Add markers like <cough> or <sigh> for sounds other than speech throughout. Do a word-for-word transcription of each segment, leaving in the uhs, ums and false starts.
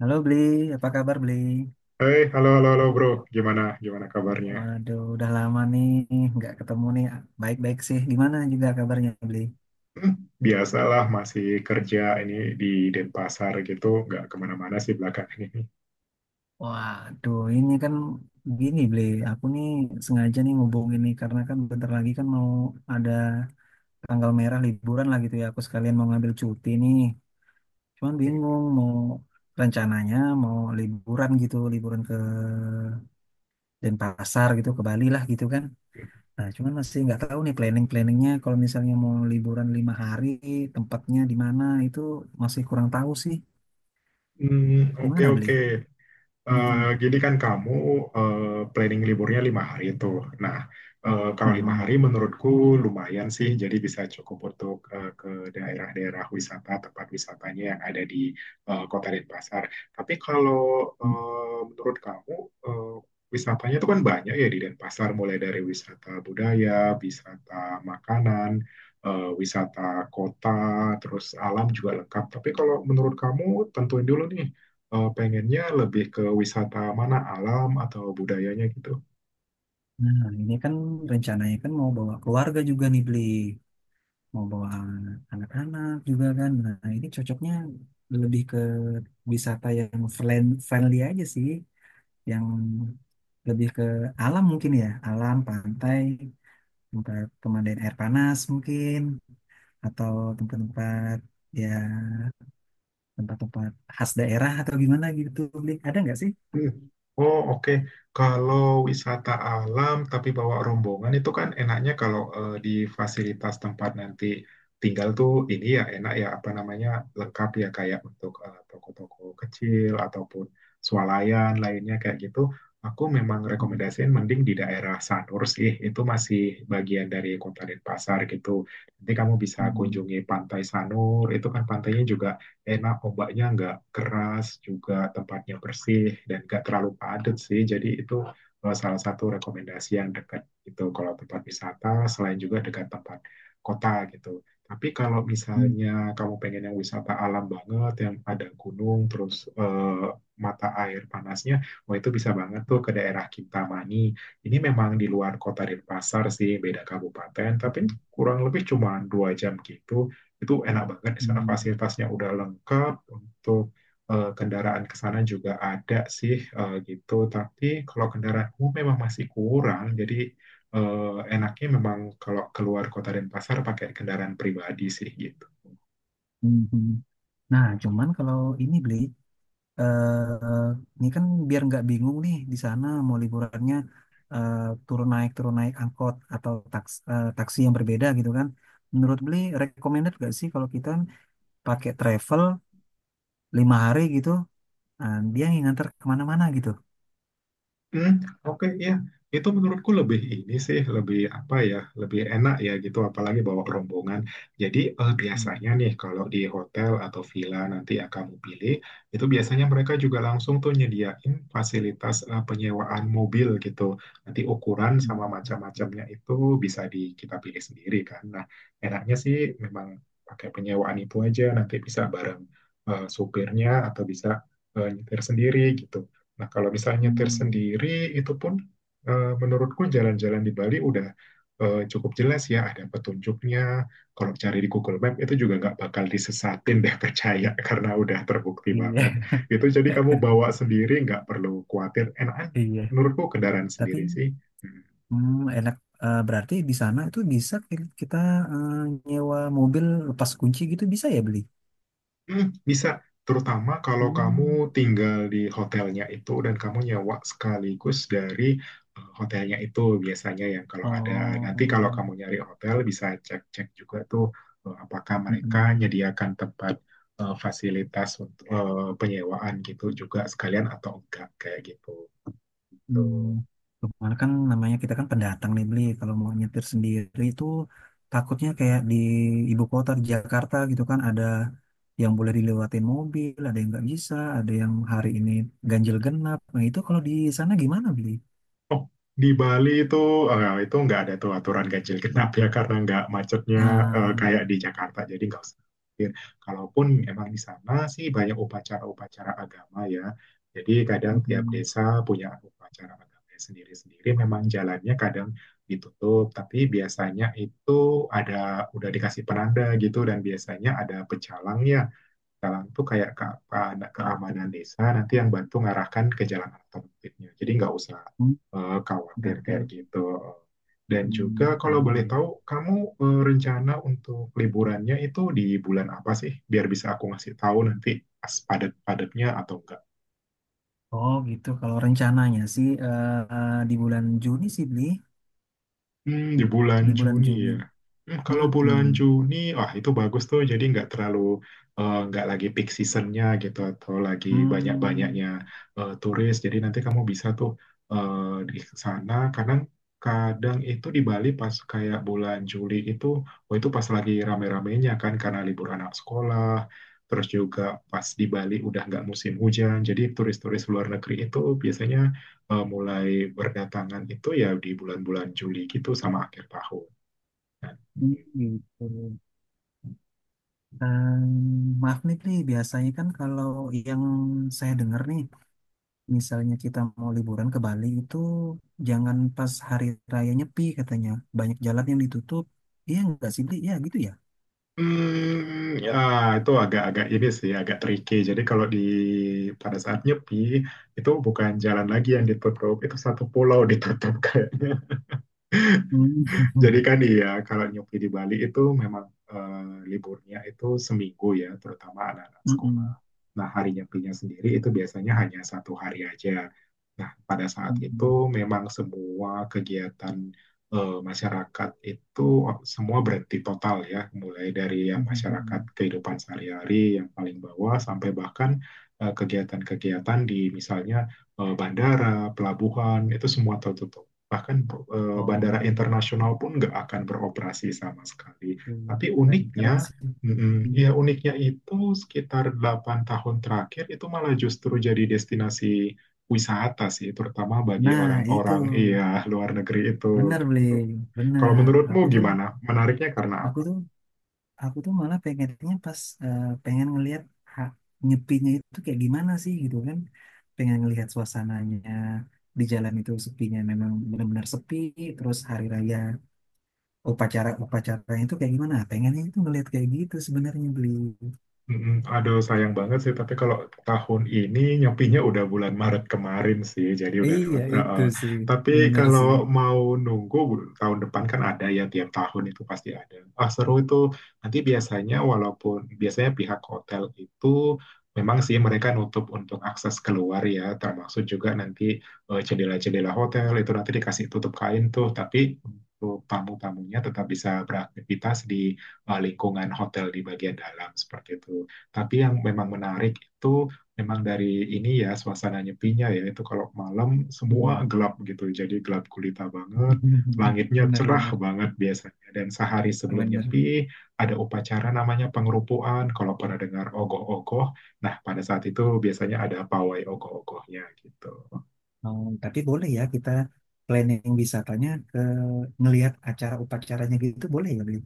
Halo Bli, apa kabar Bli? Hei, halo, halo, halo, bro. Gimana, gimana kabarnya? Waduh, udah lama nih nggak ketemu nih. Baik-baik sih. Gimana juga kabarnya Bli? Hmm, Biasalah, masih kerja ini di Denpasar gitu, nggak kemana-mana sih belakangan ini. Waduh, ini kan gini Bli, aku nih sengaja nih ngubungin nih karena kan bentar lagi kan mau ada tanggal merah liburan lah gitu ya. Aku sekalian mau ngambil cuti nih. Cuman bingung mau rencananya mau liburan gitu, liburan ke Denpasar gitu, ke Bali lah gitu kan. Nah, cuman masih nggak tahu nih planning-planningnya. Kalau misalnya mau liburan lima hari, tempatnya di mana itu masih kurang tahu sih. Hmm, oke, Gimana oke. beli? Eh, Hmm. Jadi kan kamu eh, planning liburnya lima hari tuh. Nah, eh, kalau lima Nah, hari menurutku lumayan sih, jadi bisa cukup untuk eh, ke daerah-daerah wisata, tempat wisatanya yang ada di eh, Kota Denpasar. Tapi kalau hmm. eh, menurut kamu eh, wisatanya itu kan banyak ya di Denpasar, mulai dari wisata budaya, wisata makanan, eh, wisata kota, terus alam juga lengkap. Tapi kalau menurut kamu tentuin dulu nih eh, pengennya lebih ke wisata mana, alam atau budayanya gitu. Nah, ini kan rencananya kan mau bawa keluarga juga nih beli, mau bawa anak-anak juga kan. Nah, ini cocoknya lebih ke wisata yang friend- friendly aja sih, yang lebih ke alam mungkin ya, alam pantai, tempat pemandian air panas mungkin, atau tempat-tempat, ya, tempat-tempat khas daerah atau gimana gitu Bli, ada nggak sih? Hmm. Oh, oke. Kalau wisata alam tapi bawa rombongan itu kan enaknya kalau eh, di fasilitas tempat nanti tinggal tuh ini ya enak ya apa namanya lengkap ya kayak untuk eh, toko-toko kecil ataupun swalayan lainnya kayak gitu. Aku memang Hmm, rekomendasiin mending di daerah Sanur sih. Itu masih bagian dari Kota Denpasar gitu. Nanti kamu bisa hmm, kunjungi Pantai Sanur. Itu kan pantainya juga enak, ombaknya nggak keras, juga tempatnya bersih dan nggak terlalu padat sih, jadi itu eh, salah satu rekomendasi yang dekat gitu kalau tempat wisata, selain juga dekat tempat kota gitu. Tapi kalau hmm, misalnya kamu pengen yang wisata alam banget yang ada gunung terus eh, mata air panasnya, wah itu bisa banget tuh ke daerah Kintamani. Ini memang di luar kota Denpasar sih, beda kabupaten, tapi kurang lebih cuma dua jam gitu. Itu enak banget di sana, hmm, hmm, fasilitasnya udah lengkap untuk eh, kendaraan ke sana juga ada sih eh, gitu. Tapi kalau kendaraan umum memang masih kurang, jadi eh, enaknya memang kalau keluar kota Denpasar pakai kendaraan pribadi sih gitu. hmm, hmm. Nah, cuman kalau ini beli, eh ini kan biar nggak bingung nih di sana mau liburannya, eh, turun naik turun naik angkot atau taks, eh, taksi yang berbeda gitu kan. Menurut beli recommended nggak sih kalau kita pakai travel lima hari gitu, nah, dia yang nganter kemana-mana gitu? Hmm, oke ya. Itu menurutku lebih ini sih, lebih apa ya, lebih enak ya gitu apalagi bawa rombongan. Jadi eh, biasanya Hmm, nih kalau di hotel atau villa nanti yang kamu pilih itu biasanya mereka juga langsung tuh nyediain fasilitas eh, penyewaan mobil gitu. Nanti ukuran sama hmm, macam-macamnya itu bisa di kita pilih sendiri kan. Nah, enaknya sih memang pakai penyewaan itu aja, nanti bisa bareng eh, supirnya atau bisa eh, nyetir sendiri gitu. Nah, kalau misalnya nyetir hmm. sendiri, itu pun eh, menurutku jalan-jalan di Bali udah eh, cukup jelas ya, ada petunjuknya. Kalau cari di Google Map itu juga nggak bakal disesatin deh, <laughs> percaya, karena udah terbukti Iya, banget. Itu jadi kamu bawa <laughs> sendiri, nggak perlu khawatir, enakan. iya. Menurutku kendaraan Tapi sendiri sih. Hmm. hmm, enak. Eh, berarti di sana itu bisa ki- kita eh, nyewa mobil lepas kunci gitu, bisa ya beli? Hmm, bisa, terutama kalau kamu Hmm. tinggal di hotelnya itu dan kamu nyewa sekaligus dari eh, hotelnya itu biasanya ya kalau ada. Oh, Nanti kalau kamu nyari hotel bisa cek-cek juga tuh eh, apakah mereka mm-mm. menyediakan tempat eh, fasilitas untuk eh, penyewaan gitu juga sekalian atau enggak kayak gitu. Hmm. Tuh. Kemarin kan namanya kita kan pendatang nih beli. Kalau mau nyetir sendiri itu takutnya kayak di ibu kota di Jakarta gitu kan, ada yang boleh dilewatin mobil, ada yang nggak bisa, ada yang hari ini ganjil genap. Nah itu kalau di sana gimana beli? Oh, di Bali itu eh, itu nggak ada tuh aturan ganjil genap ya, karena nggak macetnya eh, Ah, kayak di Jakarta, jadi nggak usah khawatir. Kalaupun emang di sana sih banyak upacara-upacara agama ya. Jadi kadang tiap mm-mm. desa punya upacara agama sendiri-sendiri. Memang jalannya kadang ditutup, tapi biasanya itu ada, udah dikasih penanda gitu, dan biasanya ada pecalangnya, jalan tuh kayak ke, ke- keamanan desa, nanti yang bantu ngarahkan ke jalan alternatifnya. Jadi nggak usah Hmm, eh, khawatir berarti kayak gitu. Dan juga hmm, kalau aman boleh ya. tahu, kamu eh, rencana untuk liburannya itu di bulan apa sih? Biar bisa aku ngasih tahu nanti pas padat-padatnya atau enggak. Oh gitu. Kalau rencananya sih eh, di bulan Juni sih beli, Hmm, di bulan di bulan Juni ya. Juni. Hmm, kalau bulan Mm-mm. Juni, wah itu bagus tuh. Jadi nggak terlalu eh, nggak lagi peak seasonnya gitu atau lagi Hmm, banyak-banyaknya eh, turis. Jadi nanti kamu bisa tuh eh, di sana. Kadang-kadang itu di Bali pas kayak bulan Juli itu, oh itu pas lagi rame-ramenya kan, karena libur anak sekolah. Terus juga pas di Bali udah nggak musim hujan. Jadi turis-turis luar negeri itu biasanya eh, mulai berdatangan itu ya di bulan-bulan Juli gitu sama akhir tahun. Nah, hmm. Gitu. Em, maaf nih Bli, biasanya kan kalau yang saya dengar nih, misalnya kita mau liburan ke Bali itu jangan pas hari raya Nyepi katanya. Banyak jalan yang ditutup. Iya nggak sih Bli? Iya gitu ya. Hmm, ya itu agak-agak ini sih, agak tricky. Jadi kalau di pada saat nyepi itu bukan jalan lagi yang ditutup, itu satu pulau <laughs> ditutup kayaknya. Hmm. <laughs> Jadi kan iya, kalau nyupi di Bali itu memang eh, liburnya itu seminggu ya, terutama anak-anak sekolah. Mm-mm. Nah, hari nyepinya sendiri itu biasanya hanya satu hari aja. Nah, pada saat itu Mm-mm. memang semua kegiatan eh, masyarakat itu semua berhenti total ya, mulai dari yang masyarakat Mm-mm. kehidupan sehari-hari yang paling bawah sampai bahkan eh, kegiatan-kegiatan di misalnya eh, bandara, pelabuhan, itu semua tertutup, bahkan eh, Oh. bandara internasional pun nggak akan beroperasi sama sekali. Wah, Tapi keren keren uniknya, sih. mm, Iya. ya uniknya itu sekitar delapan tahun terakhir itu malah justru jadi destinasi wisata sih, terutama bagi Nah, itu orang-orang, iya, luar negeri itu. bener Gitu. beli, Kalau bener, aku menurutmu tuh gimana? Menariknya karena aku apa? tuh aku tuh malah pengennya pas eh, pengen ngelihat hak nyepinya itu kayak gimana sih gitu kan. Pengen ngelihat suasananya di jalan itu sepinya memang benar-benar sepi, terus hari raya upacara upacaranya itu kayak gimana, pengennya itu ngelihat kayak gitu sebenarnya beli. Mm-mm. Aduh, sayang banget sih. Tapi kalau tahun ini nyepinya udah bulan Maret kemarin sih, jadi udah Iya lewat. itu Heeh. sih, Tapi bener sih, kalau mau nunggu tahun depan kan ada ya, tiap tahun itu pasti ada. Ah, seru itu. Nanti biasanya walaupun biasanya pihak hotel itu memang sih mereka nutup untuk akses keluar ya, termasuk juga nanti eh, jendela-jendela hotel itu nanti dikasih tutup kain tuh. Tapi untuk tamu-tamunya tetap bisa beraktivitas di eh, lingkungan hotel di bagian dalam seperti itu. Tapi yang memang menarik itu memang dari ini ya suasana nyepinya ya, itu kalau malam semua iya, gelap gitu. Jadi gelap gulita banget, <laughs> langitnya bener cerah bener banget biasanya. Dan sehari sebelum bener. nyepi ada upacara namanya pengerupuan. Kalau pernah dengar ogoh-ogoh, nah pada saat itu biasanya ada pawai ogoh-ogohnya gitu. Oh, tapi boleh ya kita planning wisatanya ke ngelihat acara upacaranya gitu, boleh ya Beli?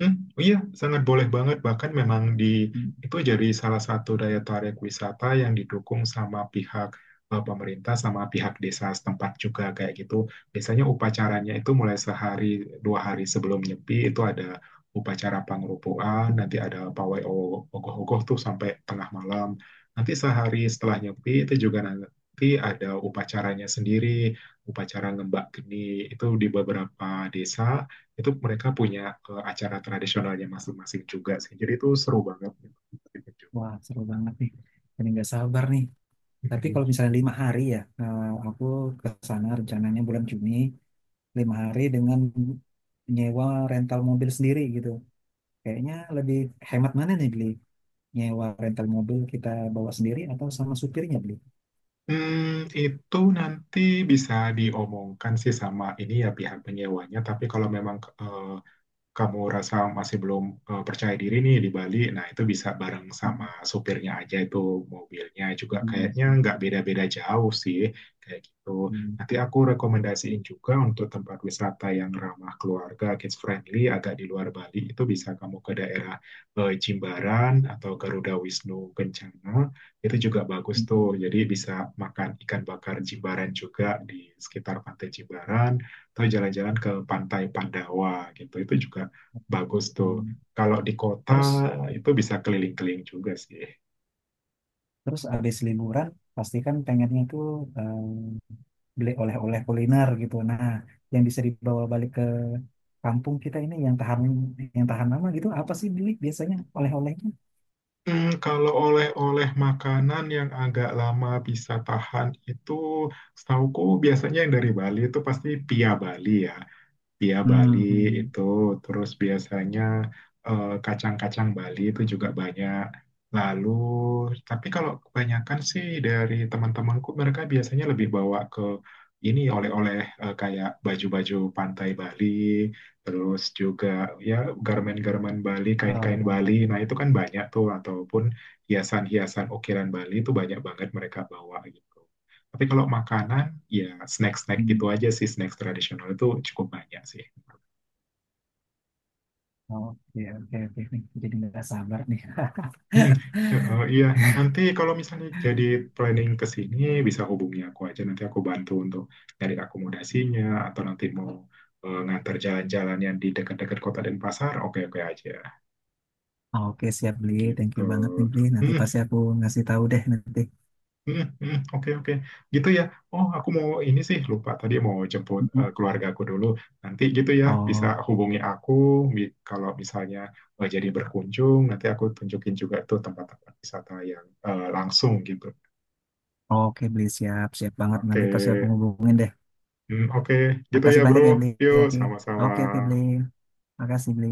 Hmm, iya, sangat boleh banget. Bahkan memang di Hmm. itu jadi salah satu daya tarik wisata yang didukung sama pihak eh, pemerintah sama pihak desa setempat juga kayak gitu. Biasanya upacaranya itu mulai sehari dua hari sebelum nyepi itu ada upacara pangrupuan, nanti ada pawai o- ogoh-ogoh tuh sampai tengah malam. Nanti sehari setelah nyepi itu juga nanti ada upacaranya sendiri, upacara ngembak geni, itu di beberapa desa itu mereka punya eh, acara tradisionalnya masing-masing juga sih. Jadi itu seru banget. <laughs> gitu. Wah, seru banget nih. Ini nggak sabar nih. Tapi kalau misalnya lima hari ya, eh, aku ke sana rencananya bulan Juni, lima hari dengan nyewa rental mobil sendiri gitu. Kayaknya lebih hemat mana nih beli? Nyewa rental mobil kita bawa sendiri atau sama supirnya beli? Hmm, itu nanti bisa diomongkan sih sama ini ya pihak penyewanya. Tapi kalau memang eh, kamu rasa masih belum eh, percaya diri nih di Bali, nah itu bisa bareng sama Hmm, supirnya aja, itu mobilnya juga iya kayaknya sih, nggak beda-beda jauh sih kayak gitu. iya Nanti sih. aku rekomendasiin juga untuk tempat wisata yang ramah keluarga, kids friendly, agak di luar Bali, itu bisa kamu ke daerah eh, Jimbaran atau Garuda Wisnu Kencana, itu juga bagus Hmm, tuh. hmm, Jadi bisa makan ikan bakar Jimbaran juga di sekitar Pantai Jimbaran atau jalan-jalan ke Pantai Pandawa gitu, itu juga bagus tuh. hmm. Kalau di kota Terus itu bisa keliling-keliling juga sih. Terus abis liburan pasti kan pengennya tuh, eh, beli oleh-oleh kuliner gitu. Nah, yang bisa dibawa balik ke kampung kita ini yang tahan, yang tahan lama gitu, apa sih beli biasanya oleh-olehnya? Hmm, kalau oleh-oleh makanan yang agak lama bisa tahan itu setauku biasanya yang dari Bali itu pasti pia Bali ya, Bia Bali Hmm, hmm. itu. Terus biasanya eh, kacang-kacang Bali itu juga banyak. Lalu, tapi kalau kebanyakan sih dari teman-temanku mereka biasanya lebih bawa ke ini oleh-oleh eh, kayak baju-baju pantai Bali, terus juga ya garmen-garmen Bali, kain-kain Oh, Bali. Nah, itu kan banyak tuh ataupun hiasan-hiasan ukiran Bali itu banyak banget mereka bawa gitu. Tapi kalau makanan, ya snack-snack gitu hmm. aja sih, snack tradisional itu cukup banyak sih. Oke, oke, oke, nih. Jadi nggak sabar nih. Hmm, eh, eh, iya, <laughs> nanti kalau misalnya jadi planning ke sini bisa hubungi aku aja, nanti aku bantu untuk cari akomodasinya atau nanti mau eh, ngantar jalan-jalan yang di dekat-dekat Kota Denpasar, oke-oke aja Oke, siap beli. Thank gitu. you banget nih beli. Nanti Hmm, pasti aku ngasih tahu deh nanti. hmm, hmm, oke-oke. Gitu ya. Oh, aku mau ini sih lupa tadi mau jemput eh, Mm-mm. keluarga aku dulu. Nanti gitu ya bisa Oh, hubungi aku, mi- kalau misalnya eh, jadi berkunjung, nanti aku tunjukin juga tuh tempat-tempat wisata yang eh, langsung gitu. oke beli, siap, siap banget. Oke, Nanti pasti aku hubungin deh. hmm, oke. Gitu ya, Makasih bro. banyak ya beli. Yuk, Oke, sama-sama. oke, oke beli. Makasih, Bli.